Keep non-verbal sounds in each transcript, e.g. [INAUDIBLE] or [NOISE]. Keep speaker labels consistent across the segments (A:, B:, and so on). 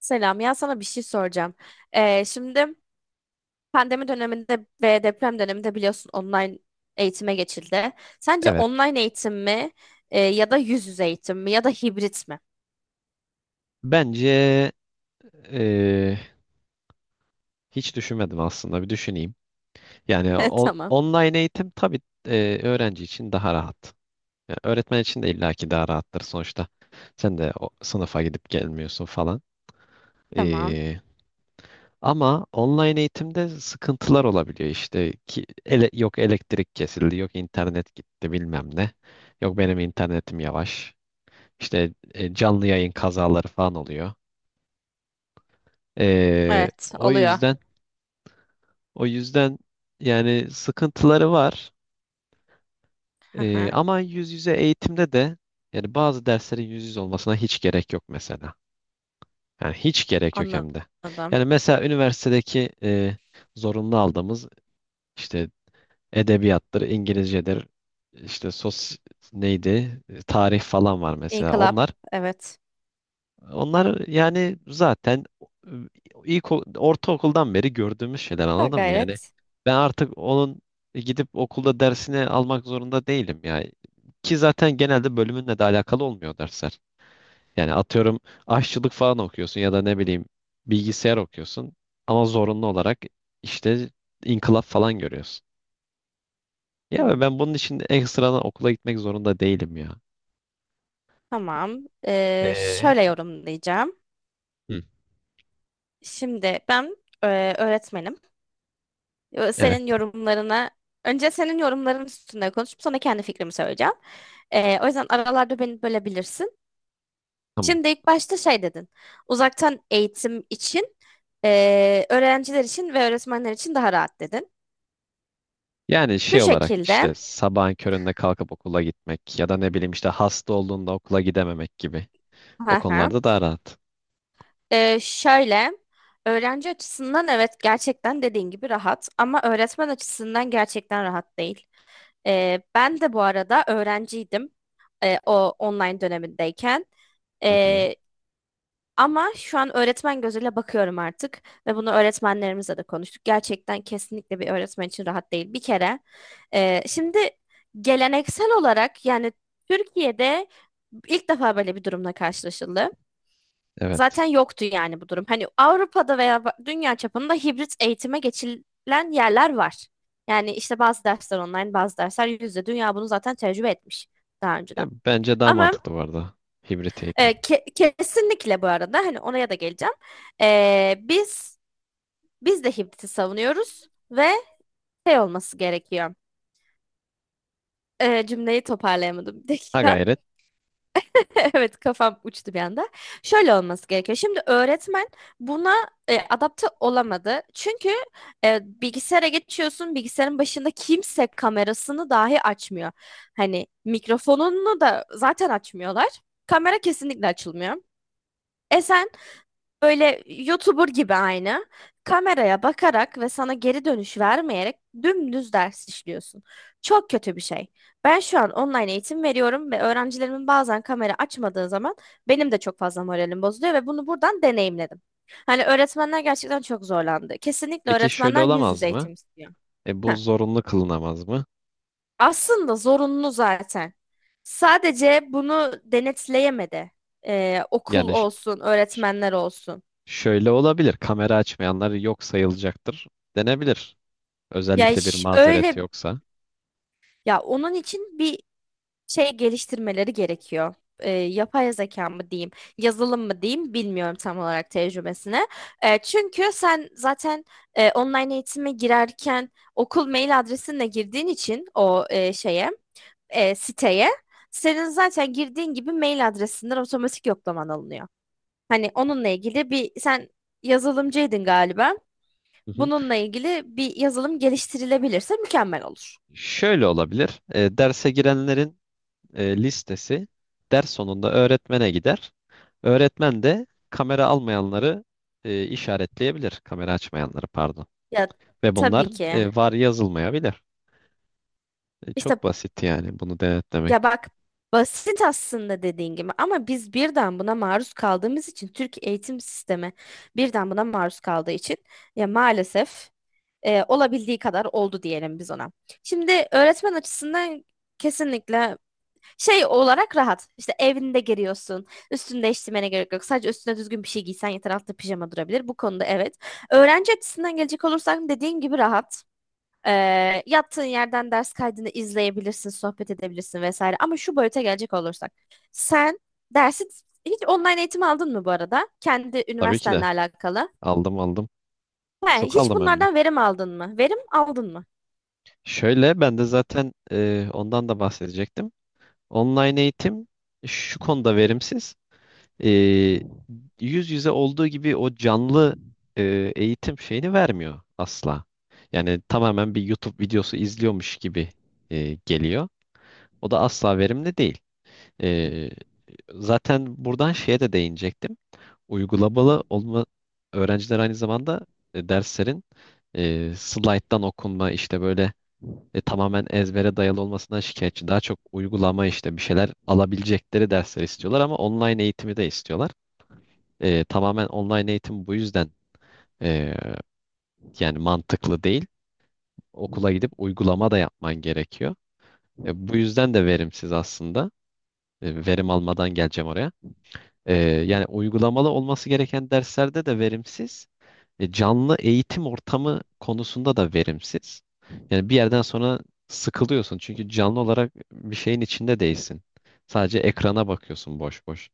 A: Selam ya sana bir şey soracağım. Şimdi pandemi döneminde ve deprem döneminde biliyorsun online eğitime geçildi. Sence
B: Evet.
A: online eğitim mi ya da yüz yüze eğitim mi ya da hibrit mi?
B: Bence eee, hiç düşünmedim aslında. Bir düşüneyim. Yani
A: [LAUGHS] Tamam.
B: online eğitim tabii öğrenci için daha rahat. Yani öğretmen için de illaki daha rahattır sonuçta. Sen de o sınıfa gidip gelmiyorsun falan.
A: Tamam.
B: Ama online eğitimde sıkıntılar olabiliyor işte ki yok elektrik kesildi, yok internet gitti bilmem ne. Yok benim internetim yavaş. İşte canlı yayın kazaları falan oluyor.
A: Evet
B: O
A: oluyor.
B: yüzden o yüzden yani sıkıntıları var.
A: Hı hı.
B: Ama yüz yüze eğitimde de yani bazı derslerin yüz yüze olmasına hiç gerek yok mesela. Yani hiç gerek yok hem de.
A: Anladım.
B: Yani mesela üniversitedeki zorunlu aldığımız işte Edebiyattır, İngilizcedir, işte neydi, tarih falan var mesela.
A: İnkılap.
B: Onlar
A: Evet.
B: onlar yani zaten ilk ortaokuldan beri gördüğümüz şeyler
A: Ha,
B: anladın mı? Yani
A: gayret.
B: ben artık onun gidip okulda dersini almak zorunda değilim ya. Ki zaten genelde bölümünle de alakalı olmuyor dersler. Yani atıyorum aşçılık falan okuyorsun ya da ne bileyim bilgisayar okuyorsun ama zorunlu olarak işte inkılap falan görüyorsun. Ya ve
A: Hmm.
B: ben bunun için ekstradan okula gitmek zorunda değilim ya.
A: Tamam.
B: Ee,
A: Şöyle yorumlayacağım.
B: Hı,
A: Şimdi ben öğretmenim.
B: evet,
A: Senin yorumlarına önce senin yorumların üstünde konuşup sonra kendi fikrimi söyleyeceğim. O yüzden aralarda beni bölebilirsin.
B: tamam.
A: Şimdi ilk başta şey dedin. Uzaktan eğitim için öğrenciler için ve öğretmenler için daha rahat dedin.
B: Yani
A: Bu
B: şey olarak işte
A: şekilde
B: sabahın köründe kalkıp okula gitmek ya da ne bileyim işte hasta olduğunda okula gidememek gibi.
A: [LAUGHS]
B: O
A: hı hı.
B: konularda daha rahat.
A: Şöyle öğrenci açısından evet gerçekten dediğin gibi rahat ama öğretmen açısından gerçekten rahat değil. Ben de bu arada öğrenciydim o online dönemindeyken.
B: Hı hı,
A: Ama şu an öğretmen gözüyle bakıyorum artık ve bunu öğretmenlerimizle de konuştuk. Gerçekten kesinlikle bir öğretmen için rahat değil. Bir kere şimdi geleneksel olarak yani Türkiye'de ilk defa böyle bir durumla karşılaşıldı.
B: evet.
A: Zaten yoktu yani bu durum. Hani Avrupa'da veya dünya çapında hibrit eğitime geçilen yerler var. Yani işte bazı dersler online, bazı dersler yüz yüze. Dünya bunu zaten tecrübe etmiş daha
B: Ya
A: önceden.
B: bence daha
A: Ama
B: mantıklı bu arada. Hibrit eğitim.
A: kesinlikle bu arada hani oraya da geleceğim. E, biz de Hibit'i savunuyoruz ve şey olması gerekiyor. Cümleyi toparlayamadım bir
B: Ha
A: dakika. [LAUGHS]
B: gayret.
A: Evet kafam uçtu bir anda. Şöyle olması gerekiyor. Şimdi öğretmen buna adapte olamadı. Çünkü bilgisayara geçiyorsun. Bilgisayarın başında kimse kamerasını dahi açmıyor. Hani mikrofonunu da zaten açmıyorlar. Kamera kesinlikle açılmıyor. E sen Böyle YouTuber gibi aynı. Kameraya bakarak ve sana geri dönüş vermeyerek dümdüz ders işliyorsun. Çok kötü bir şey. Ben şu an online eğitim veriyorum ve öğrencilerimin bazen kamera açmadığı zaman benim de çok fazla moralim bozuluyor ve bunu buradan deneyimledim. Hani öğretmenler gerçekten çok zorlandı. Kesinlikle
B: Peki şöyle
A: öğretmenler yüz yüze
B: olamaz mı?
A: eğitim istiyor.
B: E bu
A: Heh.
B: zorunlu kılınamaz mı?
A: Aslında zorunlu zaten. Sadece bunu denetleyemedi. Okul
B: Yani
A: olsun,
B: ş-
A: öğretmenler olsun.
B: şöyle olabilir. Kamera açmayanlar yok sayılacaktır denebilir. Özellikle bir mazeret
A: Öyle
B: yoksa.
A: ya onun için bir şey geliştirmeleri gerekiyor. Yapay zeka mı diyeyim, yazılım mı diyeyim bilmiyorum tam olarak tecrübesine. Çünkü sen zaten online eğitime girerken okul mail adresinle girdiğin için o siteye senin zaten girdiğin gibi mail adresinden otomatik yoklaman alınıyor. Hani onunla ilgili bir sen yazılımcıydın galiba.
B: Hı hı.
A: Bununla ilgili bir yazılım geliştirilebilirse mükemmel olur.
B: Şöyle olabilir. E, derse girenlerin listesi ders sonunda öğretmene gider. Öğretmen de kamera almayanları işaretleyebilir. Kamera açmayanları pardon.
A: Ya
B: Ve bunlar
A: tabii ki.
B: var yazılmayabilir. E,
A: İşte
B: çok basit yani bunu
A: ya
B: denetlemek.
A: bak basit aslında dediğin gibi ama biz birden buna maruz kaldığımız için Türk eğitim sistemi birden buna maruz kaldığı için ya maalesef olabildiği kadar oldu diyelim biz ona. Şimdi öğretmen açısından kesinlikle şey olarak rahat. İşte evinde giriyorsun. Üstünü değiştirmene gerek yok. Sadece üstüne düzgün bir şey giysen yeter altta pijama durabilir. Bu konuda evet. Öğrenci açısından gelecek olursak dediğin gibi rahat. Yaptığın yerden ders kaydını izleyebilirsin, sohbet edebilirsin vesaire. Ama şu boyuta gelecek olursak. Sen dersi hiç online eğitim aldın mı bu arada? Kendi
B: Tabii ki
A: üniversitenle
B: de.
A: alakalı.
B: Aldım, aldım.
A: He,
B: Çok
A: hiç
B: aldım hem de.
A: bunlardan verim aldın mı? Verim aldın mı?
B: Şöyle ben de zaten ondan da bahsedecektim. Online eğitim şu konuda verimsiz. E, yüz yüze olduğu gibi o canlı eğitim şeyini vermiyor asla. Yani tamamen bir YouTube videosu izliyormuş gibi geliyor. O da asla verimli değil. E, zaten buradan şeye de değinecektim. Uygulamalı olma öğrenciler aynı zamanda derslerin slayttan okunma işte böyle, tamamen ezbere dayalı olmasından şikayetçi. Daha çok uygulama işte bir şeyler alabilecekleri dersler istiyorlar ama online eğitimi de istiyorlar. E, tamamen online eğitim bu yüzden e, yani mantıklı değil. Okula gidip uygulama da yapman gerekiyor. E, bu yüzden de verimsiz aslında. E, verim almadan geleceğim oraya. E, yani uygulamalı olması gereken derslerde de verimsiz. E, canlı eğitim ortamı konusunda da verimsiz. Yani bir yerden sonra sıkılıyorsun çünkü canlı olarak bir şeyin içinde değilsin. Sadece ekrana bakıyorsun boş boş.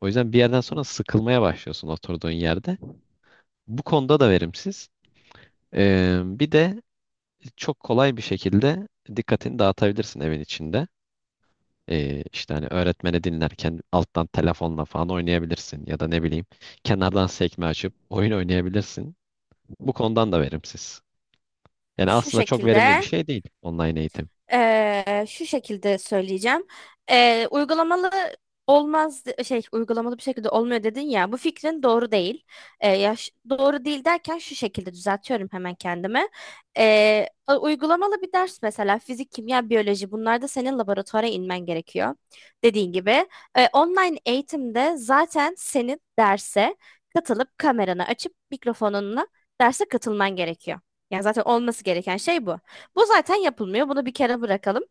B: O yüzden bir yerden sonra sıkılmaya başlıyorsun oturduğun yerde. Bu konuda da verimsiz. E, bir de çok kolay bir şekilde dikkatini dağıtabilirsin evin içinde. E, işte hani öğretmeni dinlerken alttan telefonla falan oynayabilirsin ya da ne bileyim kenardan sekme açıp oyun oynayabilirsin. Bu konudan da verimsiz. Yani
A: Şu
B: aslında çok verimli bir
A: şekilde.
B: şey değil online eğitim.
A: Şu şekilde söyleyeceğim. Uygulamalı olmaz şey uygulamalı bir şekilde olmuyor dedin ya bu fikrin doğru değil. Yaş, doğru değil derken şu şekilde düzeltiyorum hemen kendimi. Uygulamalı bir ders mesela fizik, kimya, biyoloji bunlarda senin laboratuvara inmen gerekiyor. Dediğin gibi online eğitimde zaten senin derse katılıp kameranı açıp mikrofonunla derse katılman gerekiyor. Yani zaten olması gereken şey bu. Bu zaten yapılmıyor. Bunu bir kere bırakalım.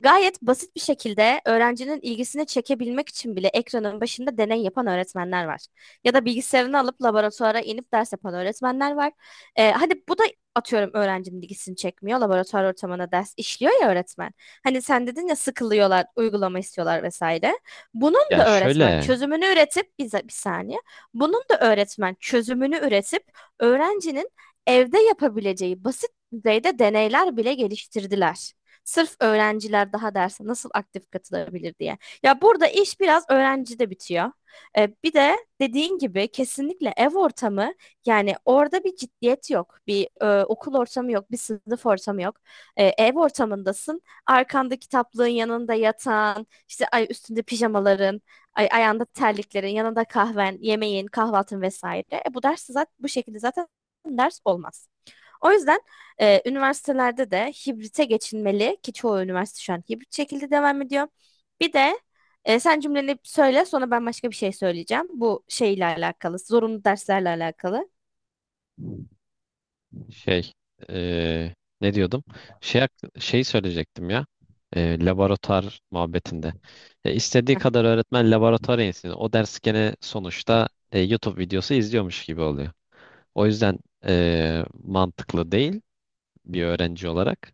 A: Gayet basit bir şekilde öğrencinin ilgisini çekebilmek için bile ekranın başında deney yapan öğretmenler var. Ya da bilgisayarını alıp laboratuvara inip ders yapan öğretmenler var. Hadi bu da atıyorum öğrencinin ilgisini çekmiyor. Laboratuvar ortamına ders işliyor ya öğretmen. Hani sen dedin ya sıkılıyorlar, uygulama istiyorlar vesaire. Bunun
B: Ya
A: da öğretmen
B: şöyle,
A: çözümünü üretip, bize bir saniye. Bunun da öğretmen çözümünü üretip öğrencinin evde yapabileceği basit düzeyde deneyler bile geliştirdiler. Sırf öğrenciler daha derse nasıl aktif katılabilir diye. Ya burada iş biraz öğrencide bitiyor. Bir de dediğin gibi kesinlikle ev ortamı yani orada bir ciddiyet yok. Bir okul ortamı yok, bir sınıf ortamı yok. Ev ortamındasın. Arkanda kitaplığın yanında yatan, işte ay üstünde pijamaların, ay ayağında terliklerin, yanında kahven, yemeğin, kahvaltın vesaire. E, bu ders zaten bu şekilde zaten ders olmaz. O yüzden üniversitelerde de hibrite geçilmeli ki çoğu üniversite şu an hibrit şekilde devam ediyor. Bir de sen cümleni söyle sonra ben başka bir şey söyleyeceğim. Bu şeyle alakalı, zorunlu derslerle alakalı.
B: şey eee, ne diyordum? Şey söyleyecektim ya. Laboratuvar muhabbetinde. E, istediği
A: Heh.
B: kadar öğretmen laboratuvara insin. O ders gene sonuçta YouTube videosu izliyormuş gibi oluyor. O yüzden mantıklı değil bir öğrenci olarak.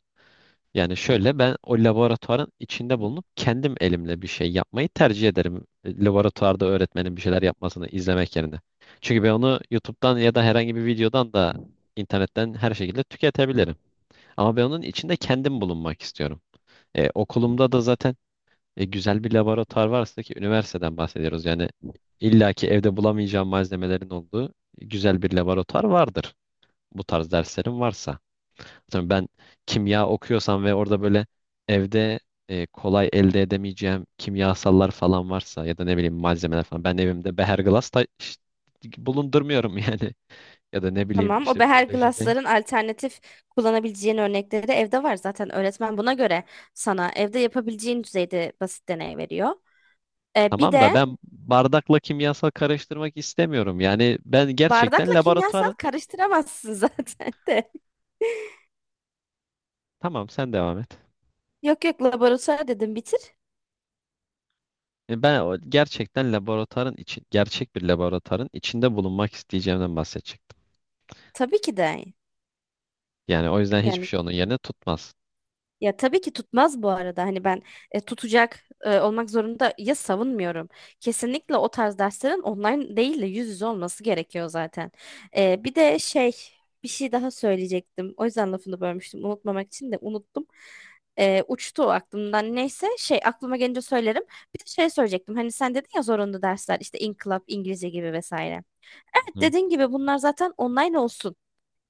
B: Yani şöyle, ben o laboratuvarın içinde bulunup kendim elimle bir şey yapmayı tercih ederim. E, laboratuvarda öğretmenin bir şeyler yapmasını izlemek yerine. Çünkü ben onu YouTube'dan ya da herhangi bir videodan da internetten her şekilde tüketebilirim. Ama ben onun içinde kendim bulunmak istiyorum. E, okulumda da zaten güzel bir laboratuvar varsa ki üniversiteden bahsediyoruz. Yani illaki evde bulamayacağım malzemelerin olduğu güzel bir laboratuvar vardır. Bu tarz derslerim varsa. Tabii ben kimya okuyorsam ve orada böyle evde kolay elde edemeyeceğim kimyasallar falan varsa ya da ne bileyim malzemeler falan, ben evimde beherglas bulundurmuyorum yani [LAUGHS] ya da ne bileyim
A: Tamam. O
B: işte
A: beher
B: biyolojide.
A: glassların alternatif kullanabileceğin örnekleri de evde var zaten. Öğretmen buna göre sana evde yapabileceğin düzeyde basit deney veriyor. Bir
B: Tamam
A: de
B: da ben bardakla kimyasal karıştırmak istemiyorum. Yani ben gerçekten
A: bardakla kimyasal
B: laboratuvar,
A: karıştıramazsın [LAUGHS] zaten de.
B: tamam sen devam et.
A: Yok yok laboratuvar dedim bitir.
B: E, ben gerçekten laboratuvarın için gerçek bir laboratuvarın içinde bulunmak isteyeceğimden bahsedecektim.
A: Tabii ki de.
B: Yani o yüzden hiçbir
A: Yani
B: şey onun yerine tutmaz.
A: ya tabii ki tutmaz bu arada. Hani ben tutacak olmak zorunda ya savunmuyorum. Kesinlikle o tarz derslerin online değil de yüz yüze olması gerekiyor zaten. Bir de şey bir şey daha söyleyecektim. O yüzden lafını bölmüştüm. Unutmamak için de unuttum. Uçtu o aklımdan. Neyse şey aklıma gelince söylerim. Bir de şey söyleyecektim. Hani sen dedin ya zorunlu dersler işte inkılap, İngilizce gibi vesaire. Evet
B: Hı.
A: dediğin gibi bunlar zaten online olsun.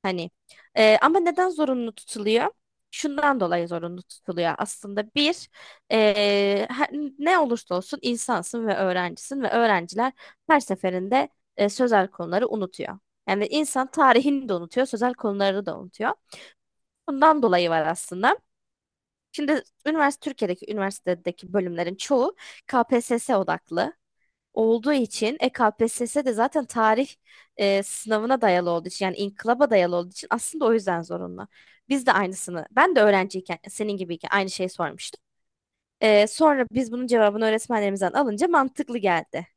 A: Hani ama neden zorunlu tutuluyor? Şundan dolayı zorunlu tutuluyor. Aslında bir e, her- ne olursa olsun insansın ve öğrencisin ve öğrenciler her seferinde sözel konuları unutuyor. Yani insan tarihini de unutuyor, sözel konuları da unutuyor. Bundan dolayı var aslında. Şimdi üniversite Türkiye'deki üniversitedeki bölümlerin çoğu KPSS odaklı olduğu için KPSS de zaten tarih sınavına dayalı olduğu için yani inkılaba dayalı olduğu için aslında o yüzden zorunlu. Biz de aynısını ben de öğrenciyken senin gibiyken aynı şeyi sormuştum. Sonra biz bunun cevabını öğretmenlerimizden alınca mantıklı geldi.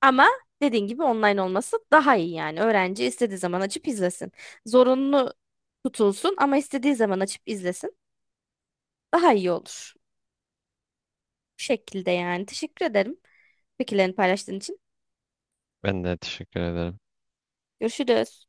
A: Ama dediğin gibi online olması daha iyi yani. Öğrenci istediği zaman açıp izlesin. Zorunlu tutulsun ama istediği zaman açıp izlesin. Daha iyi olur. Bu şekilde yani. Teşekkür ederim fikirlerini paylaştığın için.
B: Ben de teşekkür ederim.
A: Görüşürüz.